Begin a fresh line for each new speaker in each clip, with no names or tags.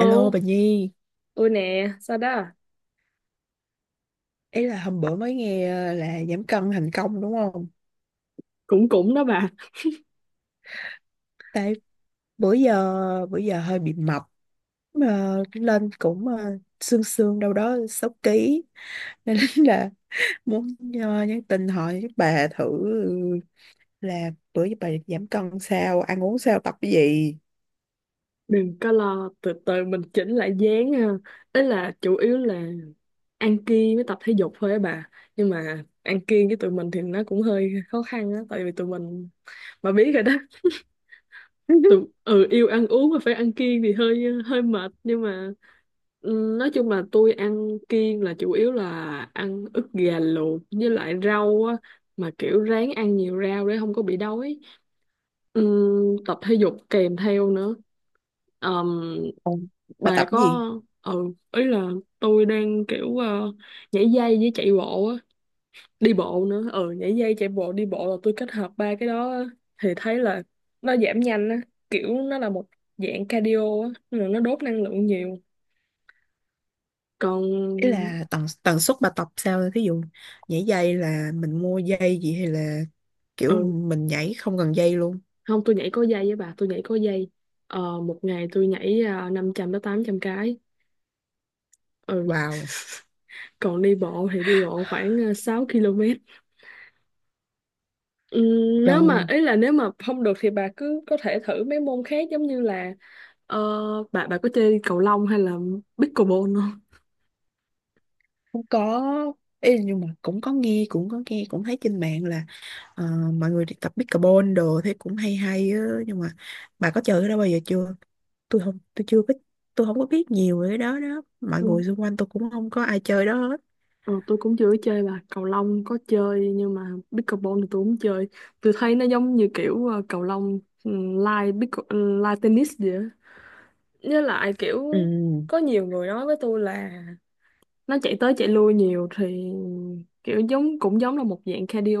Alo bà Nhi,
ôi nè, sao đó, à?
ý là hôm bữa mới nghe là giảm cân thành công đúng không?
Cũng cũng đó bà.
Tại bữa giờ hơi bị mập, mà lên cũng xương xương đâu đó 6 ký nên là muốn nhắn tin hỏi bà thử là bữa giờ bà giảm cân sao, ăn uống sao, tập cái gì?
Đừng có lo, từ từ mình chỉnh lại dáng ha. Ý là chủ yếu là ăn kiêng với tập thể dục thôi á bà. Nhưng mà ăn kiêng với tụi mình thì nó cũng hơi khó khăn á, tại vì tụi mình, bà biết rồi đó, tụi ừ yêu ăn uống mà phải ăn kiêng thì hơi hơi mệt. Nhưng mà ừ, nói chung là tôi ăn kiêng, là chủ yếu là ăn ức gà luộc với lại rau á, mà kiểu ráng ăn nhiều rau để không có bị đói. Tập thể dục kèm theo nữa. Ờm,
Ồ, bà
bà
tập cái
có
gì?
ừ, ý là tôi đang kiểu nhảy dây với chạy bộ á, đi bộ nữa. Ừ, nhảy dây, chạy bộ, đi bộ là tôi kết hợp ba cái đó á. Thì thấy là nó giảm nhanh á, kiểu nó là một dạng cardio á nên là nó đốt năng lượng nhiều.
Ý
Còn
là tần tần suất bà tập sao, thí dụ nhảy dây là mình mua dây gì hay là kiểu
ừ,
mình nhảy không cần dây luôn.
không, tôi nhảy có dây. Với bà, tôi nhảy có dây. Ờ, một ngày tôi nhảy 500 tới 800 cái. Ừ,
Wow.
còn đi bộ thì đi bộ khoảng 6 km. Ừ, nếu mà,
Trời.
ý là nếu mà không được thì bà cứ có thể thử mấy môn khác, giống như là ờ, bà có chơi cầu lông hay là pickleball không?
Cũng có. Ê, nhưng mà cũng có nghe, cũng có nghe, cũng thấy trên mạng là ờ, mọi người đi tập pickleball đồ thấy cũng hay hay á, nhưng mà bà có chơi cái đó bao giờ chưa? Tôi không, tôi chưa có, tôi không có biết nhiều về cái đó đó, mọi
Ừ,
người xung quanh tôi cũng không có ai chơi đó hết.
ờ, tôi cũng chưa có chơi. Bà cầu lông có chơi, nhưng mà pickleball thì tôi không chơi. Tôi thấy nó giống như kiểu cầu lông lai pickle, lai tennis vậy á. Với lại kiểu
Ừ.
có nhiều người nói với tôi là nó chạy tới chạy lui nhiều thì kiểu giống, cũng giống là một dạng cardio,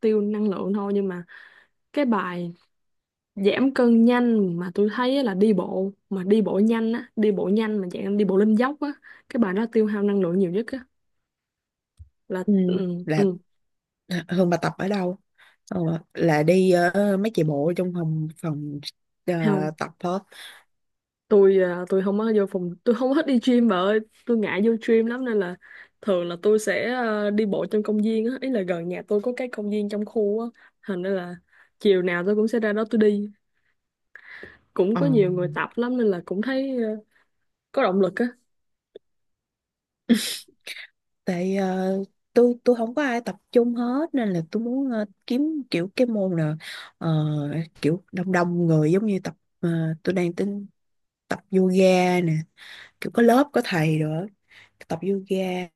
tiêu năng lượng thôi. Nhưng mà cái bài giảm cân nhanh mà tôi thấy á là đi bộ, mà đi bộ nhanh á, đi bộ nhanh mà dạng đi bộ lên dốc á. Cái bài đó tiêu hao năng lượng nhiều nhất á. Là
Ừ.
ừ,
Là.
ừ,
À, Hương bà tập ở đâu? Ờ, là đi mấy chị bộ trong phòng phòng ờ,
không.
tập hết.
Tôi à, tôi không có vô phòng, tôi không có thích đi gym bà ơi. Tôi ngại vô gym lắm nên là thường là tôi sẽ à, đi bộ trong công viên á. Ý là gần nhà tôi có cái công viên trong khu á, thành ra là chiều nào tôi cũng sẽ ra đó tôi đi. Cũng
Ờ.
có nhiều người tập lắm nên là cũng thấy à, có động lực á.
Tại tôi không có ai tập chung hết, nên là tôi muốn kiếm kiểu cái môn là ờ, kiểu đông đông người giống như tập tôi đang tính tập yoga nè, kiểu có lớp có thầy nữa, tập yoga.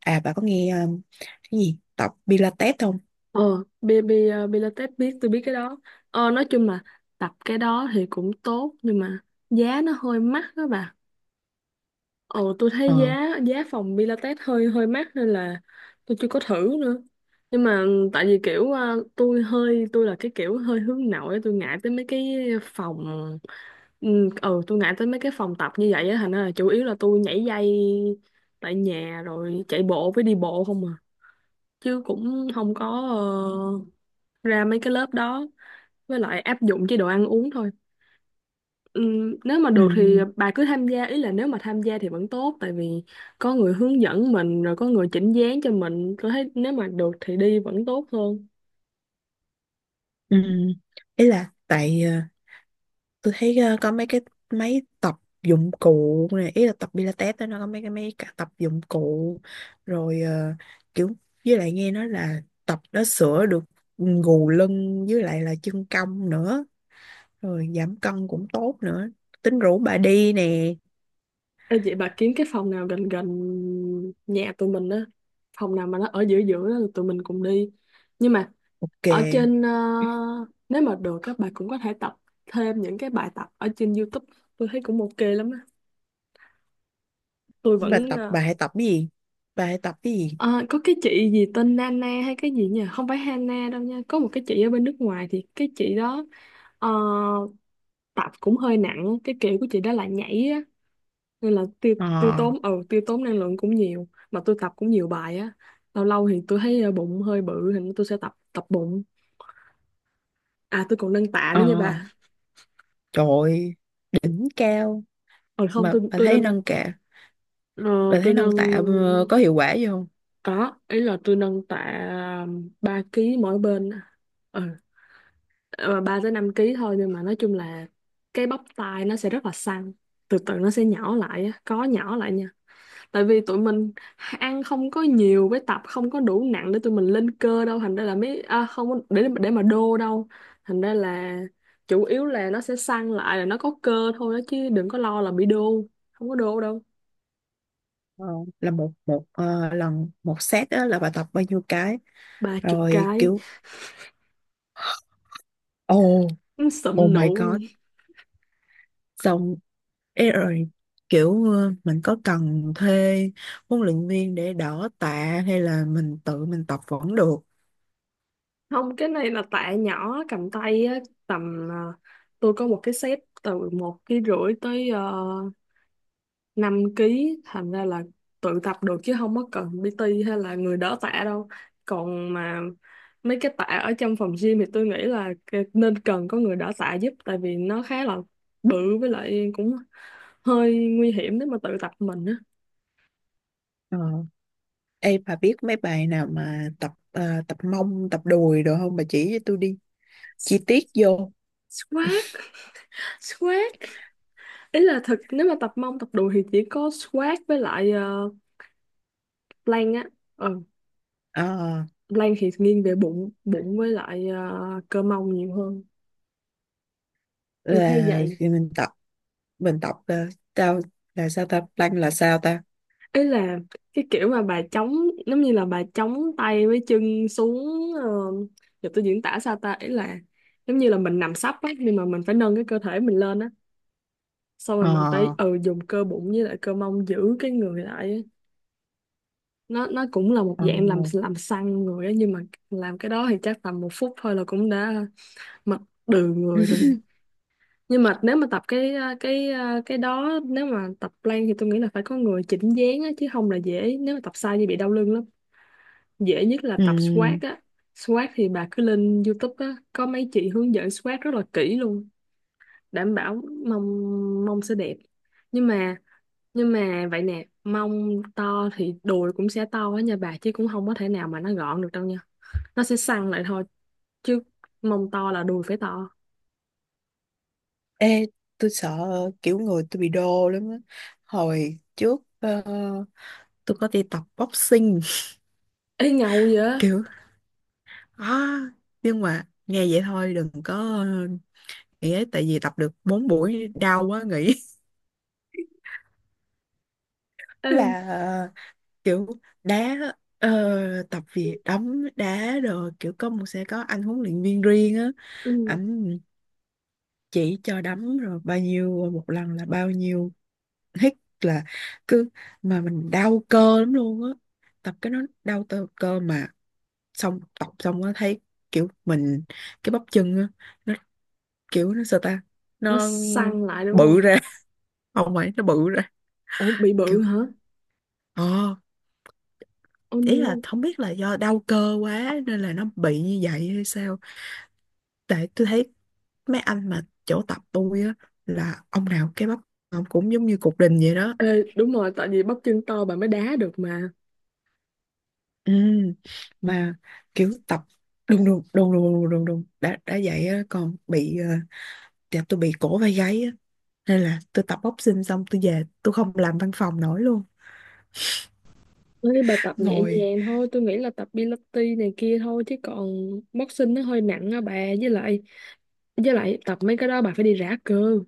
À, bà có nghe cái gì tập Pilates không?
Ờ, bi, bi, ờ, Pilates biết, tôi biết cái đó. Ờ, nói chung là tập cái đó thì cũng tốt, nhưng mà giá nó hơi mắc đó bà. Ờ, tôi thấy
Ờ.
giá giá phòng Pilates hơi hơi mắc nên là tôi chưa có thử nữa. Nhưng mà ừ, tại vì kiểu ờ, tôi là cái kiểu hơi hướng nội, tôi ngại tới mấy cái phòng, tôi ngại tới mấy cái phòng tập như vậy á, thành ra là chủ yếu là tôi nhảy dây tại nhà rồi chạy bộ với đi bộ không à, chứ cũng không có ờ, ra mấy cái lớp đó, với lại áp dụng chế độ ăn uống thôi. Nếu mà
Ừ.
được thì bà cứ tham gia. Ý là nếu mà tham gia thì vẫn tốt, tại vì có người hướng dẫn mình rồi có người chỉnh dáng cho mình. Tôi thấy nếu mà được thì đi vẫn tốt hơn.
Ừ. Ý là tại tôi thấy có mấy cái máy tập dụng cụ này, ý là tập Pilates đó nó có mấy cái máy cả tập dụng cụ rồi kiểu với lại nghe nói là tập đó sửa được gù lưng với lại là chân cong nữa, rồi giảm cân cũng tốt nữa, tính rủ bà đi nè.
Ê, vậy bà kiếm cái phòng nào gần gần nhà tụi mình á, phòng nào mà nó ở giữa giữa đó, tụi mình cùng đi. Nhưng mà
Ok,
ở trên ờ, nếu mà được các bà cũng có thể tập thêm những cái bài tập ở trên YouTube, tôi thấy cũng ok lắm á. Tôi
bà
vẫn
tập
ờ,
bà hãy tập cái gì, bà hãy tập cái gì
ờ, có cái chị gì tên Nana hay cái gì nhỉ? Không phải Hana đâu nha. Có một cái chị ở bên nước ngoài thì cái chị đó ờ, tập cũng hơi nặng. Cái kiểu của chị đó là nhảy á. Nên là
ờ
tiêu tốn năng lượng cũng nhiều. Mà tôi tập cũng nhiều bài á. Lâu lâu thì tôi thấy ờ, bụng hơi bự thì tôi sẽ tập tập bụng. À tôi còn nâng tạ
ờ
nữa nha bà.
trời ơi, đỉnh cao.
Ờ không,
Mà
tôi
bà
tôi
thấy
nâng
nâng tạ,
ờ,
bà
tôi
thấy nâng
nâng
tạ có hiệu quả gì không?
có, ý là tôi nâng tạ 3 kg mỗi bên. Ừ. Ờ, 3 tới 5 kg thôi, nhưng mà nói chung là cái bắp tai nó sẽ rất là săn, từ từ nó sẽ nhỏ lại á, có nhỏ lại nha. Tại vì tụi mình ăn không có nhiều với tập không có đủ nặng để tụi mình lên cơ đâu, thành ra là mấy à, không có- để mà đô đâu, thành ra là chủ yếu là nó sẽ săn lại, là nó có cơ thôi đó, chứ đừng có lo là bị đô, không có đô đâu.
Ờ, là một một lần một set á, là bà tập bao nhiêu cái?
ba chục
Rồi
cái
kiểu. Oh.
Sụm
Oh
nụ.
my god. Xong. Ê, rồi kiểu mình có cần thuê huấn luyện viên để đỡ tạ hay là mình tự mình tập vẫn được?
Không, cái này là tạ nhỏ cầm tay á, tầm ờ, tôi có một cái set từ 1,5 kg tới 5 ký, thành ra là tự tập được chứ không có cần PT hay là người đỡ tạ đâu. Còn mà mấy cái tạ ở trong phòng gym thì tôi nghĩ là nên cần có người đỡ tạ giúp, tại vì nó khá là bự, với lại cũng hơi nguy hiểm nếu mà tự tập mình á.
Ờ. Ê, bà biết mấy bài nào mà tập tập mông tập đùi được không, bà chỉ cho tôi đi chi tiết vô.
Squat, squat. Ý là thực nếu mà tập mông tập đùi thì chỉ có squat với lại ờ, plank á. Ừ,
Ờ,
Lan thì nghiêng về bụng bụng với lại ờ, cơ mông nhiều hơn, tôi thấy
là
vậy.
thì mình tập mình tập ờ, tao là sao ta? Plank là sao ta?
Ý là cái kiểu mà bà chống, giống như là bà chống tay với chân xuống ờ, giờ tôi diễn tả sao ta. Ý là giống như là mình nằm sấp á, nhưng mà mình phải nâng cái cơ thể mình lên á, xong rồi mình
ờ
phải ừ dùng cơ bụng với lại cơ mông giữ cái người lại á. Nó cũng là một
ờ.
dạng làm săn người á. Nhưng mà làm cái đó thì chắc tầm 1 phút thôi là cũng đã mệt đừ người rồi. Nhưng mà nếu mà tập cái đó, nếu mà tập plank thì tôi nghĩ là phải có người chỉnh dáng á, chứ không là dễ, nếu mà tập sai thì bị đau lưng lắm. Dễ nhất là
Ừ.
tập squat á. Squat thì bà cứ lên YouTube á, có mấy chị hướng dẫn squat rất là kỹ luôn, đảm bảo mông mông sẽ đẹp. Nhưng mà, nhưng mà vậy nè, mông to thì đùi cũng sẽ to á nha bà, chứ cũng không có thể nào mà nó gọn được đâu nha. Nó sẽ săn lại thôi, chứ mông to là đùi phải to.
Ê, tôi sợ kiểu người tôi bị đô lắm á. Hồi trước tôi có đi tập boxing.
Ê ngầu vậy.
Kiểu à, nhưng mà nghe vậy thôi đừng có nghĩ ấy, tại vì tập được 4 buổi đau quá nghĩ.
Ê,
Là kiểu đá ờ, tập vì đấm đá rồi kiểu có một sẽ có anh huấn luyện viên riêng á,
ừ.
ảnh chỉ cho đấm rồi bao nhiêu một lần là bao nhiêu hít, là cứ mà mình đau cơ lắm luôn á, tập cái nó đau tơ cơ mà, xong tập xong á thấy kiểu mình cái bắp chân á, nó kiểu nó sao ta,
Nó
nó
săn lại đúng
bự
không?
ra. Không phải nó bự ra,
Ủa bị
kiểu
bự hả?
ờ
Oh
ý là
no.
không biết là do đau cơ quá nên là nó bị như vậy hay sao, tại tôi thấy mấy anh mà chỗ tập tôi á, là ông nào cái bắp ông cũng giống như cục đình vậy đó.
Ê, đúng rồi, tại vì bắp chân to bà mới đá được mà.
Ừ, mà kiểu tập đùng đùng đùng đùng đùng đùng đùng đã vậy á, còn bị dạ tôi bị cổ vai gáy á, nên là tôi tập boxing xong tôi về tôi không làm văn phòng nổi luôn,
Nói bà tập nhẹ
ngồi.
nhàng thôi, tôi nghĩ là tập Pilates này kia thôi, chứ còn boxing nó hơi nặng á bà. Với lại, với lại tập mấy cái đó bà phải đi rã cơ.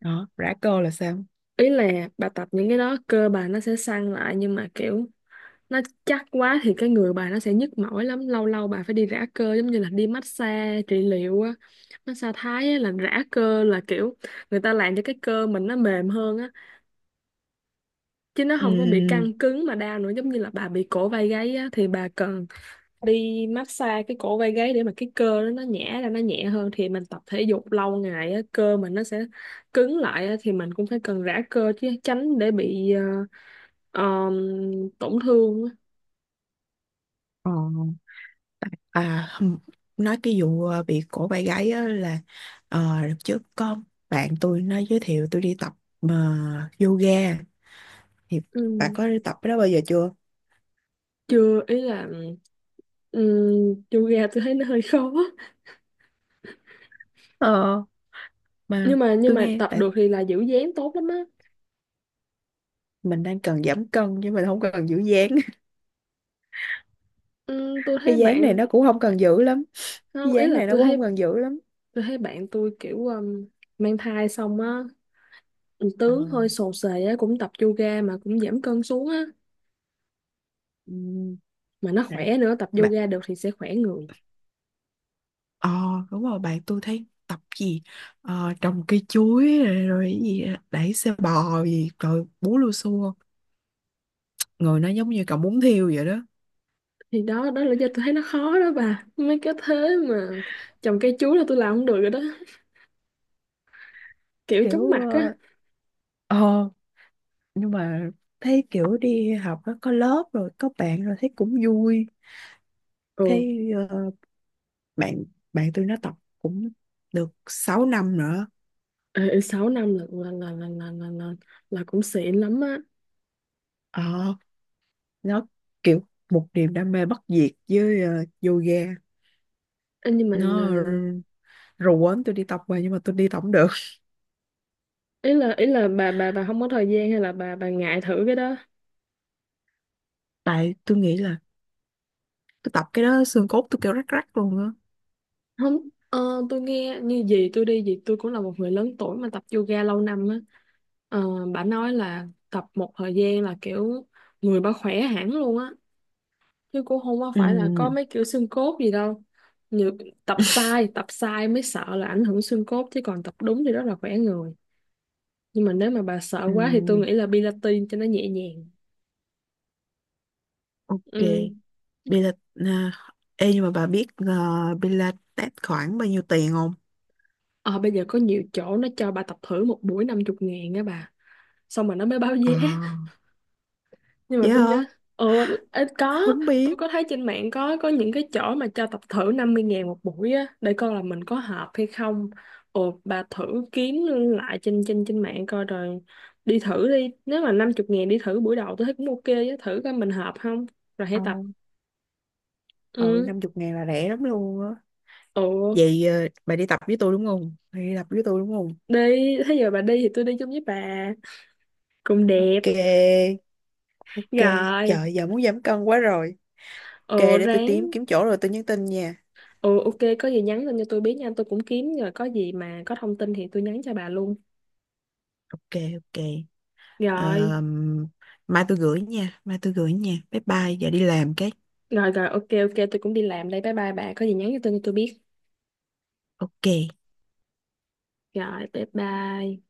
Đó, rã cơ là sao?
Ý là bà tập những cái đó, cơ bà nó sẽ săn lại, nhưng mà kiểu nó chắc quá thì cái người bà nó sẽ nhức mỏi lắm, lâu lâu bà phải đi rã cơ giống như là đi massage trị liệu á. Massage Thái á, là rã cơ, là kiểu người ta làm cho cái cơ mình nó mềm hơn á, chứ nó
Ừ.
không có bị căng cứng mà đau nữa. Giống như là bà bị cổ vai gáy á thì bà cần đi massage cái cổ vai gáy để mà cái cơ đó nó nhẹ ra, nó nhẹ hơn. Thì mình tập thể dục lâu ngày á, cơ mình nó sẽ cứng lại á, thì mình cũng phải cần rã cơ, chứ tránh để bị ờ, tổn thương á.
ờ, À, nói cái vụ bị cổ vai gáy á là đợt trước có bạn tôi nó giới thiệu tôi đi tập mà yoga, thì
Ừ,
bạn có đi tập cái đó bao giờ chưa?
chưa. Ý là ừm, yoga tôi thấy nó hơi khó,
Ờ, mà
nhưng mà, nhưng
tôi
mà
nghe
tập
tại
được thì là giữ dáng tốt lắm á.
mình đang cần giảm cân chứ mình không cần giữ dáng.
Tôi thấy
Cái dáng này
bạn,
nó cũng không cần giữ lắm, cái
không, ý
dáng
là
này nó
tôi
cũng
thấy,
không cần giữ lắm.
tôi thấy bạn tôi kiểu mang thai xong á,
Ờ,
tướng hơi xồ xề á, cũng tập yoga mà cũng giảm cân xuống á,
ừm,
mà nó
bạn
khỏe nữa. Tập
bạn
yoga được thì sẽ khỏe người.
ờ đúng rồi, bạn tôi thấy tập gì, trồng cây chuối rồi, rồi cái gì đẩy xe bò gì rồi bú lưu xua, người nó giống như cậu muốn thiêu vậy đó.
Thì đó đó là do tôi thấy nó khó đó bà, mấy cái thế mà trồng cây chuối là tôi làm không được rồi đó, kiểu chóng
Kiểu
mặt á.
ờ, nhưng mà thấy kiểu đi học nó có lớp rồi có bạn rồi thấy cũng vui,
Ừ,
thấy bạn bạn tôi nó tập cũng được 6 năm nữa.
ê, 6 năm là cũng xịn lắm á.
ờ, nó kiểu một niềm đam mê bất diệt với yoga,
Ê, nhưng mà
nó
à,
rủ quấn tôi đi tập mà nhưng mà tôi đi tập không được,
ý là, ý là bà không có thời gian hay là bà ngại thử cái đó?
tại tôi nghĩ là tôi tập cái đó xương cốt tôi kêu rắc rắc luôn á.
Không ờ, tôi nghe như gì tôi đi gì tôi cũng, là một người lớn tuổi mà tập yoga lâu năm á, ờ, bà nói là tập một thời gian là kiểu người bà khỏe hẳn luôn á, chứ cũng không có phải là có
Ừ.
mấy kiểu xương cốt gì đâu. Như tập sai mới sợ là ảnh hưởng xương cốt, chứ còn tập đúng thì rất là khỏe người. Nhưng mà nếu mà bà sợ
Ừ.
quá thì tôi nghĩ là Pilates cho nó nhẹ nhàng.
Ok.
Ừ.
Pilates à? Ê, nhưng mà bà biết Pilates khoảng bao nhiêu tiền không?
Ờ, bây giờ có nhiều chỗ nó cho bà tập thử một buổi 50 ngàn á bà. Xong rồi nó mới báo giá.
À,
Nhưng mà
dạ
tôi
hả?
nhớ, ờ, ê, có,
Không
tôi
biết.
có thấy trên mạng có những cái chỗ mà cho tập thử 50 ngàn một buổi á, để coi là mình có hợp hay không. Ồ, bà thử kiếm lại trên trên trên mạng coi. Rồi đi thử đi, nếu mà 50 ngàn đi thử buổi đầu tôi thấy cũng ok á. Thử coi mình hợp không rồi hãy
ờ
tập.
ừ,
Ừ,
50 ngàn là rẻ lắm luôn á.
ồ
Vậy bà đi tập với tôi đúng không? Bà đi tập với tôi đúng không?
đi. Thế giờ bà đi thì tôi đi chung với bà. Cũng đẹp.
Ok, ok.
Rồi.
Trời, giờ muốn giảm cân quá rồi. Ok,
Ồ
để tôi
ráng.
tìm kiếm chỗ rồi tôi nhắn tin nha.
Ừ ok, có gì nhắn lên cho tôi biết nha. Tôi cũng kiếm, rồi có gì mà có thông tin thì tôi nhắn cho bà luôn.
Ok, ok.
Rồi.
Ờm, mai tôi gửi nha, Bye bye, giờ đi làm cái.
Rồi rồi, ok ok, tôi cũng đi làm đây. Bye bye bà, có gì nhắn cho tôi, cho tôi biết.
Ok.
Rồi bye bye.